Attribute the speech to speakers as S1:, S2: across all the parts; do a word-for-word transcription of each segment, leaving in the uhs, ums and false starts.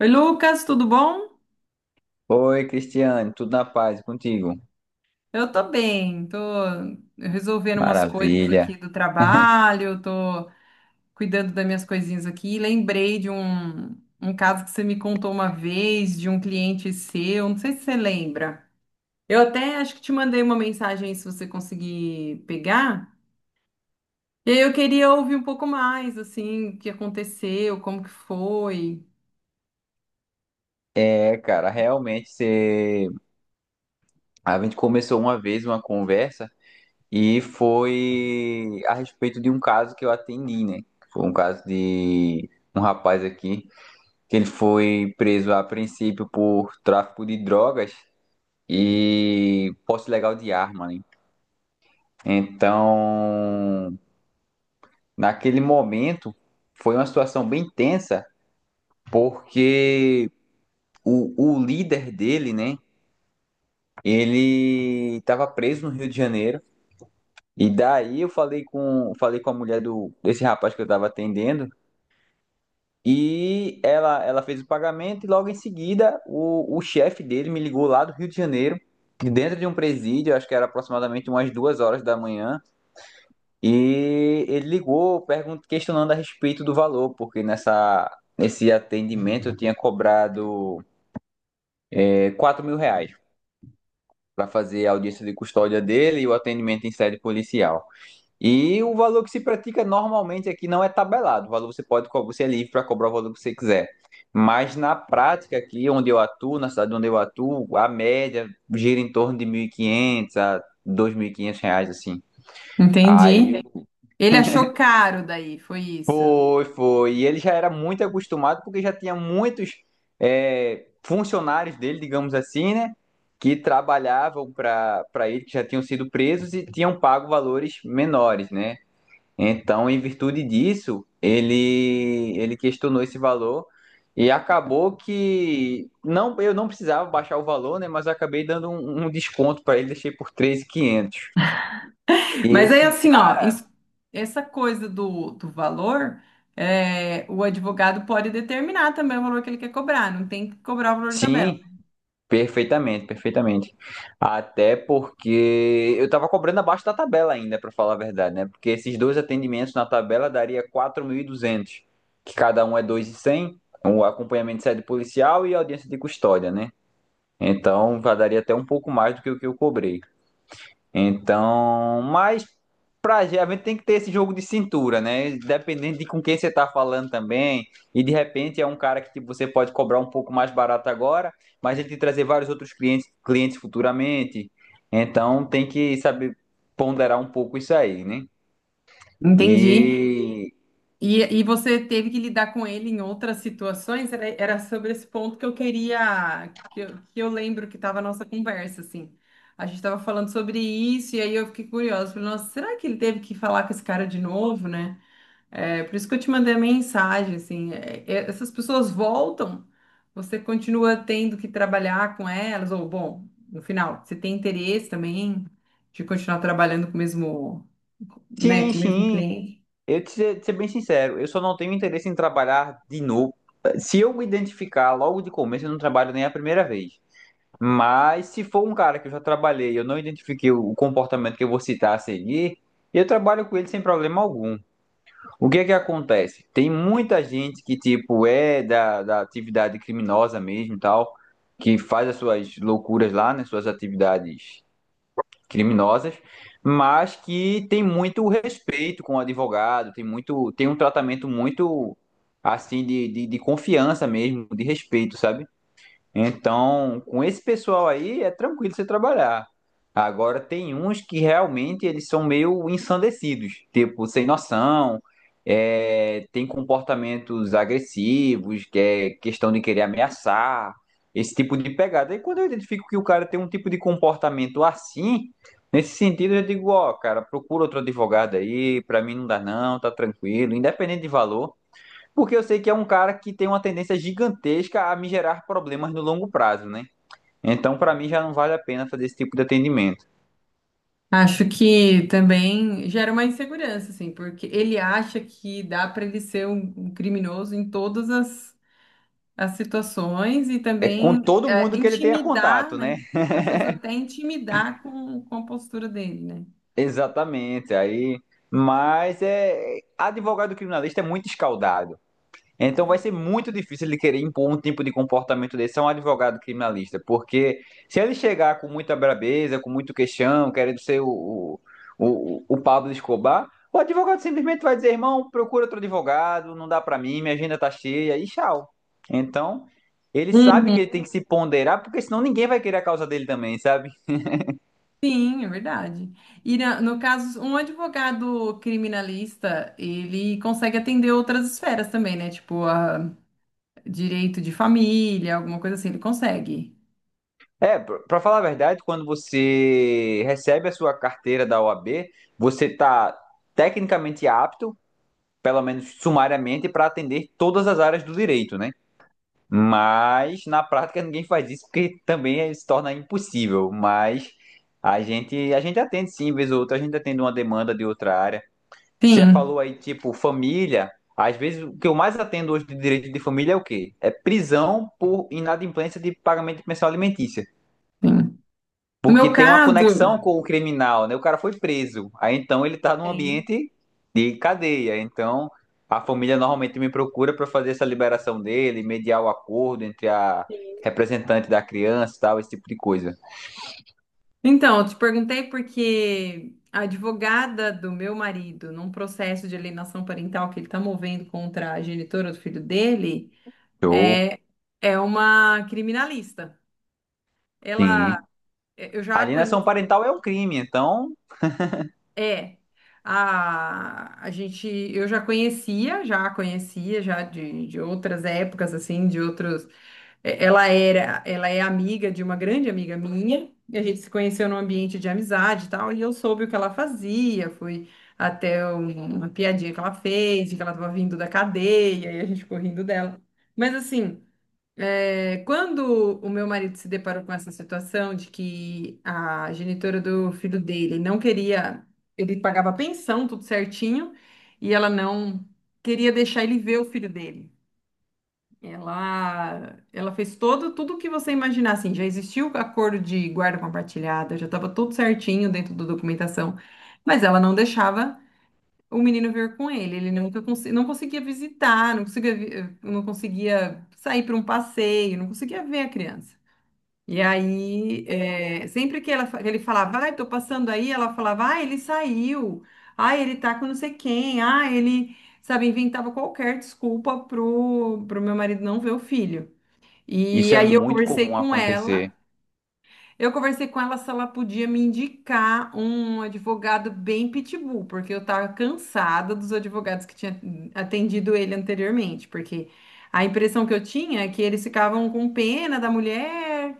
S1: Oi, Lucas, tudo bom?
S2: Oi, Cristiane, tudo na paz e contigo?
S1: Eu tô bem, tô resolvendo umas coisas
S2: Maravilha.
S1: aqui do trabalho, tô cuidando das minhas coisinhas aqui. Lembrei de um, um caso que você me contou uma vez, de um cliente seu, não sei se você lembra. Eu até acho que te mandei uma mensagem aí, se você conseguir pegar. E aí eu queria ouvir um pouco mais, assim, o que aconteceu, como que foi.
S2: É, cara, realmente você. A gente começou uma vez uma conversa e foi a respeito de um caso que eu atendi, né? Foi um caso de um rapaz aqui que ele foi preso a princípio por tráfico de drogas e posse ilegal de arma, né? Então, naquele momento foi uma situação bem tensa porque o, o líder dele, né? Ele estava preso no Rio de Janeiro. E daí eu falei com, falei com a mulher do, desse rapaz que eu estava atendendo. E ela, ela fez o pagamento e logo em seguida o, o chefe dele me ligou lá do Rio de Janeiro, dentro de um presídio, acho que era aproximadamente umas duas horas da manhã. E ele ligou perguntando, questionando a respeito do valor, porque nessa, nesse atendimento eu tinha cobrado é, quatro mil reais para fazer a audiência de custódia dele e o atendimento em sede policial. E o valor que se pratica normalmente aqui não é tabelado. O valor você pode, você é livre para cobrar o valor que você quiser. Mas na prática aqui, onde eu atuo, na cidade onde eu atuo, a média gira em torno de mil e quinhentos a dois mil e quinhentos reais, assim. Aí,
S1: Entendi. Ele achou caro daí, foi isso.
S2: foi, foi. E ele já era muito acostumado porque já tinha muitos é, funcionários dele, digamos assim, né? Que trabalhavam para para ele, que já tinham sido presos e tinham pago valores menores, né? Então, em virtude disso, ele, ele questionou esse valor e acabou que não, eu não precisava baixar o valor, né? Mas eu acabei dando um, um desconto para ele, deixei por treze mil e quinhentos. E
S1: Mas aí,
S2: quinhentos. E esse
S1: assim, ó,
S2: cara,
S1: isso- essa coisa do, do valor, é, o advogado pode determinar também o valor que ele quer cobrar, não tem que cobrar o valor de tabela.
S2: sim. Perfeitamente, perfeitamente. Até porque eu estava cobrando abaixo da tabela ainda, para falar a verdade, né? Porque esses dois atendimentos na tabela daria quatro mil e duzentos, que cada um é dois mil e cem, o acompanhamento de sede policial e audiência de custódia, né? Então, já daria até um pouco mais do que o que eu cobrei. Então, mas pra gente, a gente tem que ter esse jogo de cintura, né? Dependendo de com quem você tá falando também. E de repente é um cara que tipo, você pode cobrar um pouco mais barato agora, mas ele te trazer vários outros clientes, clientes futuramente. Então tem que saber ponderar um pouco isso aí, né?
S1: Entendi.
S2: E
S1: E, e você teve que lidar com ele em outras situações? Era, era sobre esse ponto que eu queria, que eu, que eu lembro que estava a nossa conversa, assim. A gente estava falando sobre isso, e aí eu fiquei curiosa. Falei, nossa, será que ele teve que falar com esse cara de novo, né? É por isso que eu te mandei a mensagem, assim, é, é, essas pessoas voltam, você continua tendo que trabalhar com elas, ou, bom, no final, você tem interesse também de continuar trabalhando com o mesmo, né,
S2: sim,
S1: com o mesmo
S2: sim.
S1: cliente.
S2: Eu te ser, te ser bem sincero, eu só não tenho interesse em trabalhar de novo. Se eu me identificar logo de começo, eu não trabalho nem a primeira vez. Mas se for um cara que eu já trabalhei, e eu não identifiquei o comportamento que eu vou citar a seguir, eu trabalho com ele sem problema algum. O que é que acontece? Tem muita gente que, tipo, é da, da atividade criminosa mesmo, e tal, que faz as suas loucuras lá, né, suas atividades criminosas, mas que tem muito respeito com o advogado, tem muito, tem um tratamento muito assim de, de de confiança mesmo, de respeito, sabe? Então, com esse pessoal aí é tranquilo você trabalhar. Agora tem uns que realmente eles são meio ensandecidos, tipo, sem noção, é, tem comportamentos agressivos, que é questão de querer ameaçar, esse tipo de pegada. E quando eu identifico que o cara tem um tipo de comportamento assim, nesse sentido eu digo, ó, cara, procura outro advogado aí, pra mim não dá não, tá tranquilo, independente de valor. Porque eu sei que é um cara que tem uma tendência gigantesca a me gerar problemas no longo prazo, né? Então, para mim, já não vale a pena fazer esse tipo de atendimento.
S1: Acho que também gera uma insegurança, assim, porque ele acha que dá para ele ser um, um criminoso em todas as, as situações e
S2: É com
S1: também
S2: todo
S1: é,
S2: mundo que ele tenha
S1: intimidar,
S2: contato,
S1: né?
S2: né?
S1: Às vezes até intimidar com, com a postura dele, né?
S2: Exatamente. Aí, mas é, advogado criminalista é muito escaldado. Então vai ser muito difícil ele querer impor um tipo de comportamento desse a um advogado criminalista, porque se ele chegar com muita brabeza, com muito queixão, querendo ser o, o, o, Pablo Escobar, o advogado simplesmente vai dizer, irmão, procura outro advogado, não dá pra mim, minha agenda tá cheia, e tchau. Então, ele sabe que
S1: Uhum.
S2: ele tem que se ponderar, porque senão ninguém vai querer a causa dele também, sabe?
S1: Sim, é verdade. E na- no caso, um advogado criminalista, ele consegue atender outras esferas também, né? Tipo, a- direito de família, alguma coisa assim, ele consegue.
S2: É, pra pra falar a verdade, quando você recebe a sua carteira da OAB, você tá tecnicamente apto, pelo menos sumariamente, para atender todas as áreas do direito, né? Mas na prática ninguém faz isso porque também é- se torna impossível. Mas a gente, a gente atende sim, vez ou outra, a gente atende uma demanda de outra área. Você
S1: Sim,
S2: falou aí, tipo, família. Às vezes o que eu mais atendo hoje de direito de família é o quê? É prisão por inadimplência de pagamento de pensão alimentícia.
S1: sim. No
S2: Porque
S1: meu
S2: tem uma
S1: caso,
S2: conexão com o criminal, né? O cara foi preso. Aí então ele tá num
S1: tem.
S2: ambiente de cadeia. Então a família normalmente me procura para fazer essa liberação dele, mediar o acordo entre a representante da criança e tal, esse tipo de coisa.
S1: Então, eu te perguntei porque a advogada do meu marido, num processo de alienação parental que ele está movendo contra a genitora do filho dele,
S2: Show.
S1: é, é uma criminalista. Ela,
S2: Sim.
S1: eu já a
S2: Alienação
S1: conheço.
S2: parental é um crime, então
S1: É, a, a gente, eu já conhecia, já conhecia, já de, de outras épocas, assim, de outros, é, ela era, ela é amiga de uma grande amiga minha, e a gente se conheceu num ambiente de amizade e tal, e eu soube o que ela fazia, fui até um- uma piadinha que ela fez, de que ela estava vindo da cadeia, e a gente ficou rindo dela, mas assim... É, quando o meu marido se deparou com essa situação de que a genitora do filho dele não queria, ele pagava pensão, tudo certinho, e ela não queria deixar ele ver o filho dele. Ela, ela fez todo, tudo o que você imaginar, assim, já existiu o acordo de guarda compartilhada, já estava tudo certinho dentro da documentação, mas ela não deixava o menino veio com ele. Ele nunca conse- não conseguia visitar, não conseguia, vi- eh, não conseguia sair para um passeio, não conseguia ver a criança. E aí, é, sempre que ela, fa- ele falava, ai, tô passando aí, ela falava, ah, ele saiu, ah, ele tá com não sei quem, ah, ele, sabe, inventava qualquer desculpa pro, pro meu marido não ver o filho. E
S2: isso é
S1: aí eu
S2: muito
S1: conversei
S2: comum
S1: com ela.
S2: acontecer.
S1: Eu conversei com ela se ela podia me indicar um advogado bem pitbull, porque eu estava cansada dos advogados que tinha atendido ele anteriormente, porque a impressão que eu tinha é que eles ficavam com pena da mulher,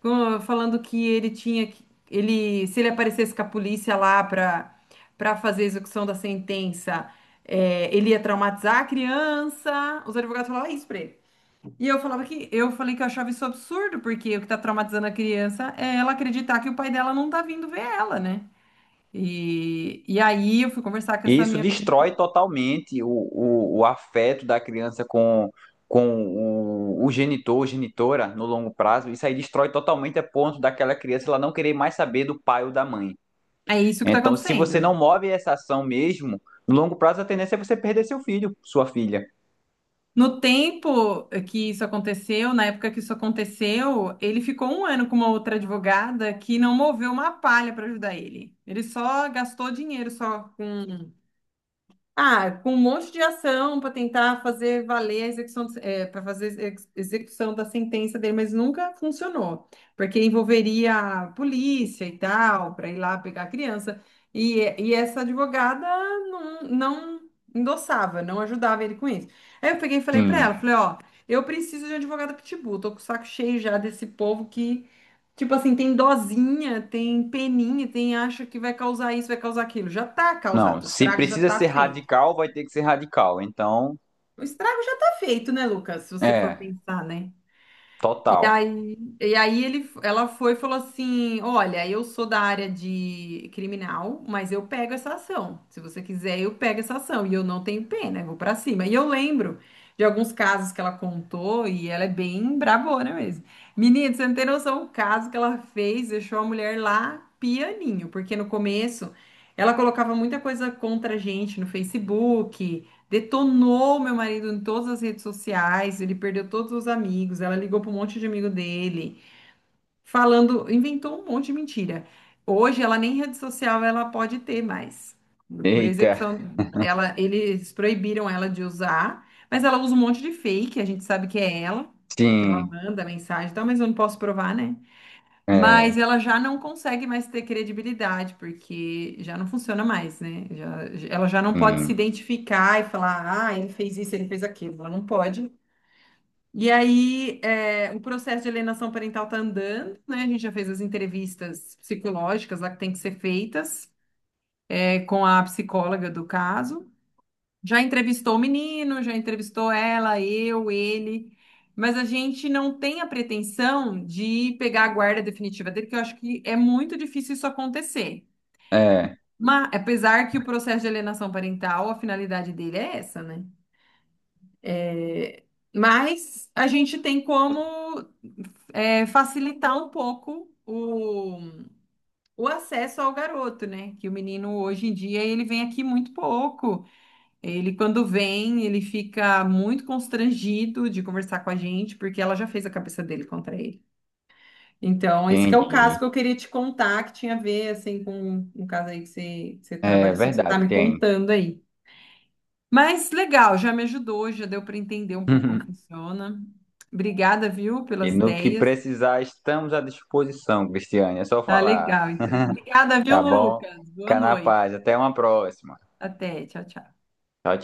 S1: com- falando que ele tinha que ele, se ele aparecesse com a polícia lá para para fazer a execução da sentença, eh, ele ia traumatizar a criança. Os advogados falavam isso para ele. E eu falava que eu falei que eu achava isso absurdo, porque o que tá traumatizando a criança é ela acreditar que o pai dela não tá vindo ver ela, né? E, e aí eu fui conversar com
S2: E
S1: essa
S2: isso
S1: minha
S2: destrói
S1: amiga.
S2: totalmente o, o, o afeto da criança com, com o, o genitor, ou genitora, no longo prazo. Isso aí destrói totalmente, a ponto daquela criança ela não querer mais saber do pai ou da mãe.
S1: É isso que tá
S2: Então, se você
S1: acontecendo.
S2: não move essa ação mesmo, no longo prazo a tendência é você perder seu filho, sua filha.
S1: No tempo que isso aconteceu, na época que isso aconteceu, ele ficou um ano com uma outra advogada que não moveu uma palha para ajudar ele. Ele só gastou dinheiro só com ah, com um monte de ação para tentar fazer valer a execução, para fazer ex- execução da sentença dele, mas nunca funcionou, porque envolveria a polícia e tal, para ir lá pegar a criança. E, e essa advogada não, não endossava, não ajudava ele com isso. Aí eu peguei e falei para ela,
S2: Sim.
S1: falei, ó, eu preciso de um advogado pitbull, tô com o saco cheio já desse povo que, tipo assim, tem dozinha, tem peninha, tem acha que vai causar isso, vai causar aquilo. Já tá
S2: Não,
S1: causado, o
S2: se
S1: estrago já
S2: precisa
S1: tá
S2: ser
S1: feito.
S2: radical, vai ter que ser radical. Então,
S1: O estrago já tá feito, né, Lucas? Se você for
S2: é,
S1: pensar, né? E
S2: total.
S1: aí, e aí ele, ela foi e falou assim: Olha, eu sou da área de criminal, mas eu pego essa ação. Se você quiser, eu pego essa ação. E eu não tenho pena, eu vou pra cima. E eu lembro de alguns casos que ela contou e ela é bem brabona mesmo. Menino, você não tem noção o caso que ela fez, deixou a mulher lá pianinho, porque no começo ela colocava muita coisa contra a gente no Facebook. Detonou meu marido em todas as redes sociais, ele perdeu todos os amigos, ela ligou para um monte de amigo dele, falando, inventou um monte de mentira. Hoje ela nem rede social ela pode ter mais. Por
S2: Eita,
S1: execução, ela, eles proibiram ela de usar, mas ela usa um monte de fake, a gente sabe que é ela, que ela
S2: sim,
S1: manda mensagem e tal, mas eu não posso provar, né? Mas
S2: é,
S1: ela já não consegue mais ter credibilidade, porque já não funciona mais, né? Já- ela já não pode se
S2: sim,
S1: identificar e falar, ah, ele fez isso, ele fez aquilo. Ela não pode. E aí, é, o processo de alienação parental tá andando, né? A gente já fez as entrevistas psicológicas lá que tem que ser feitas, é, com a psicóloga do caso. Já entrevistou o menino, já entrevistou ela, eu, ele, mas a gente não tem a pretensão de pegar a guarda definitiva dele, que eu acho que é muito difícil isso acontecer.
S2: é,
S1: Mas, apesar que o processo de alienação parental, a finalidade dele é essa, né? É, mas a gente tem como é, facilitar um pouco o, o acesso ao garoto, né? Que o menino hoje em dia ele vem aqui muito pouco. Ele, quando vem, ele fica muito constrangido de conversar com a gente, porque ela já fez a cabeça dele contra ele. Então, esse que é o caso
S2: entendi.
S1: que eu queria te contar, que tinha a ver, assim, com o caso aí que você, que você
S2: É
S1: trabalha, isso que você tá
S2: verdade,
S1: me
S2: tem.
S1: contando aí. Mas, legal, já me ajudou, já deu para entender um pouco como
S2: Uhum.
S1: funciona. Obrigada, viu,
S2: E
S1: pelas
S2: no que
S1: ideias.
S2: precisar, estamos à disposição, Cristiane. É só
S1: Tá
S2: falar,
S1: legal, então. Obrigada, viu,
S2: tá bom?
S1: Lucas? Boa
S2: Fica na
S1: noite.
S2: paz. Até uma próxima.
S1: Até, tchau, tchau.
S2: Tchau, tchau.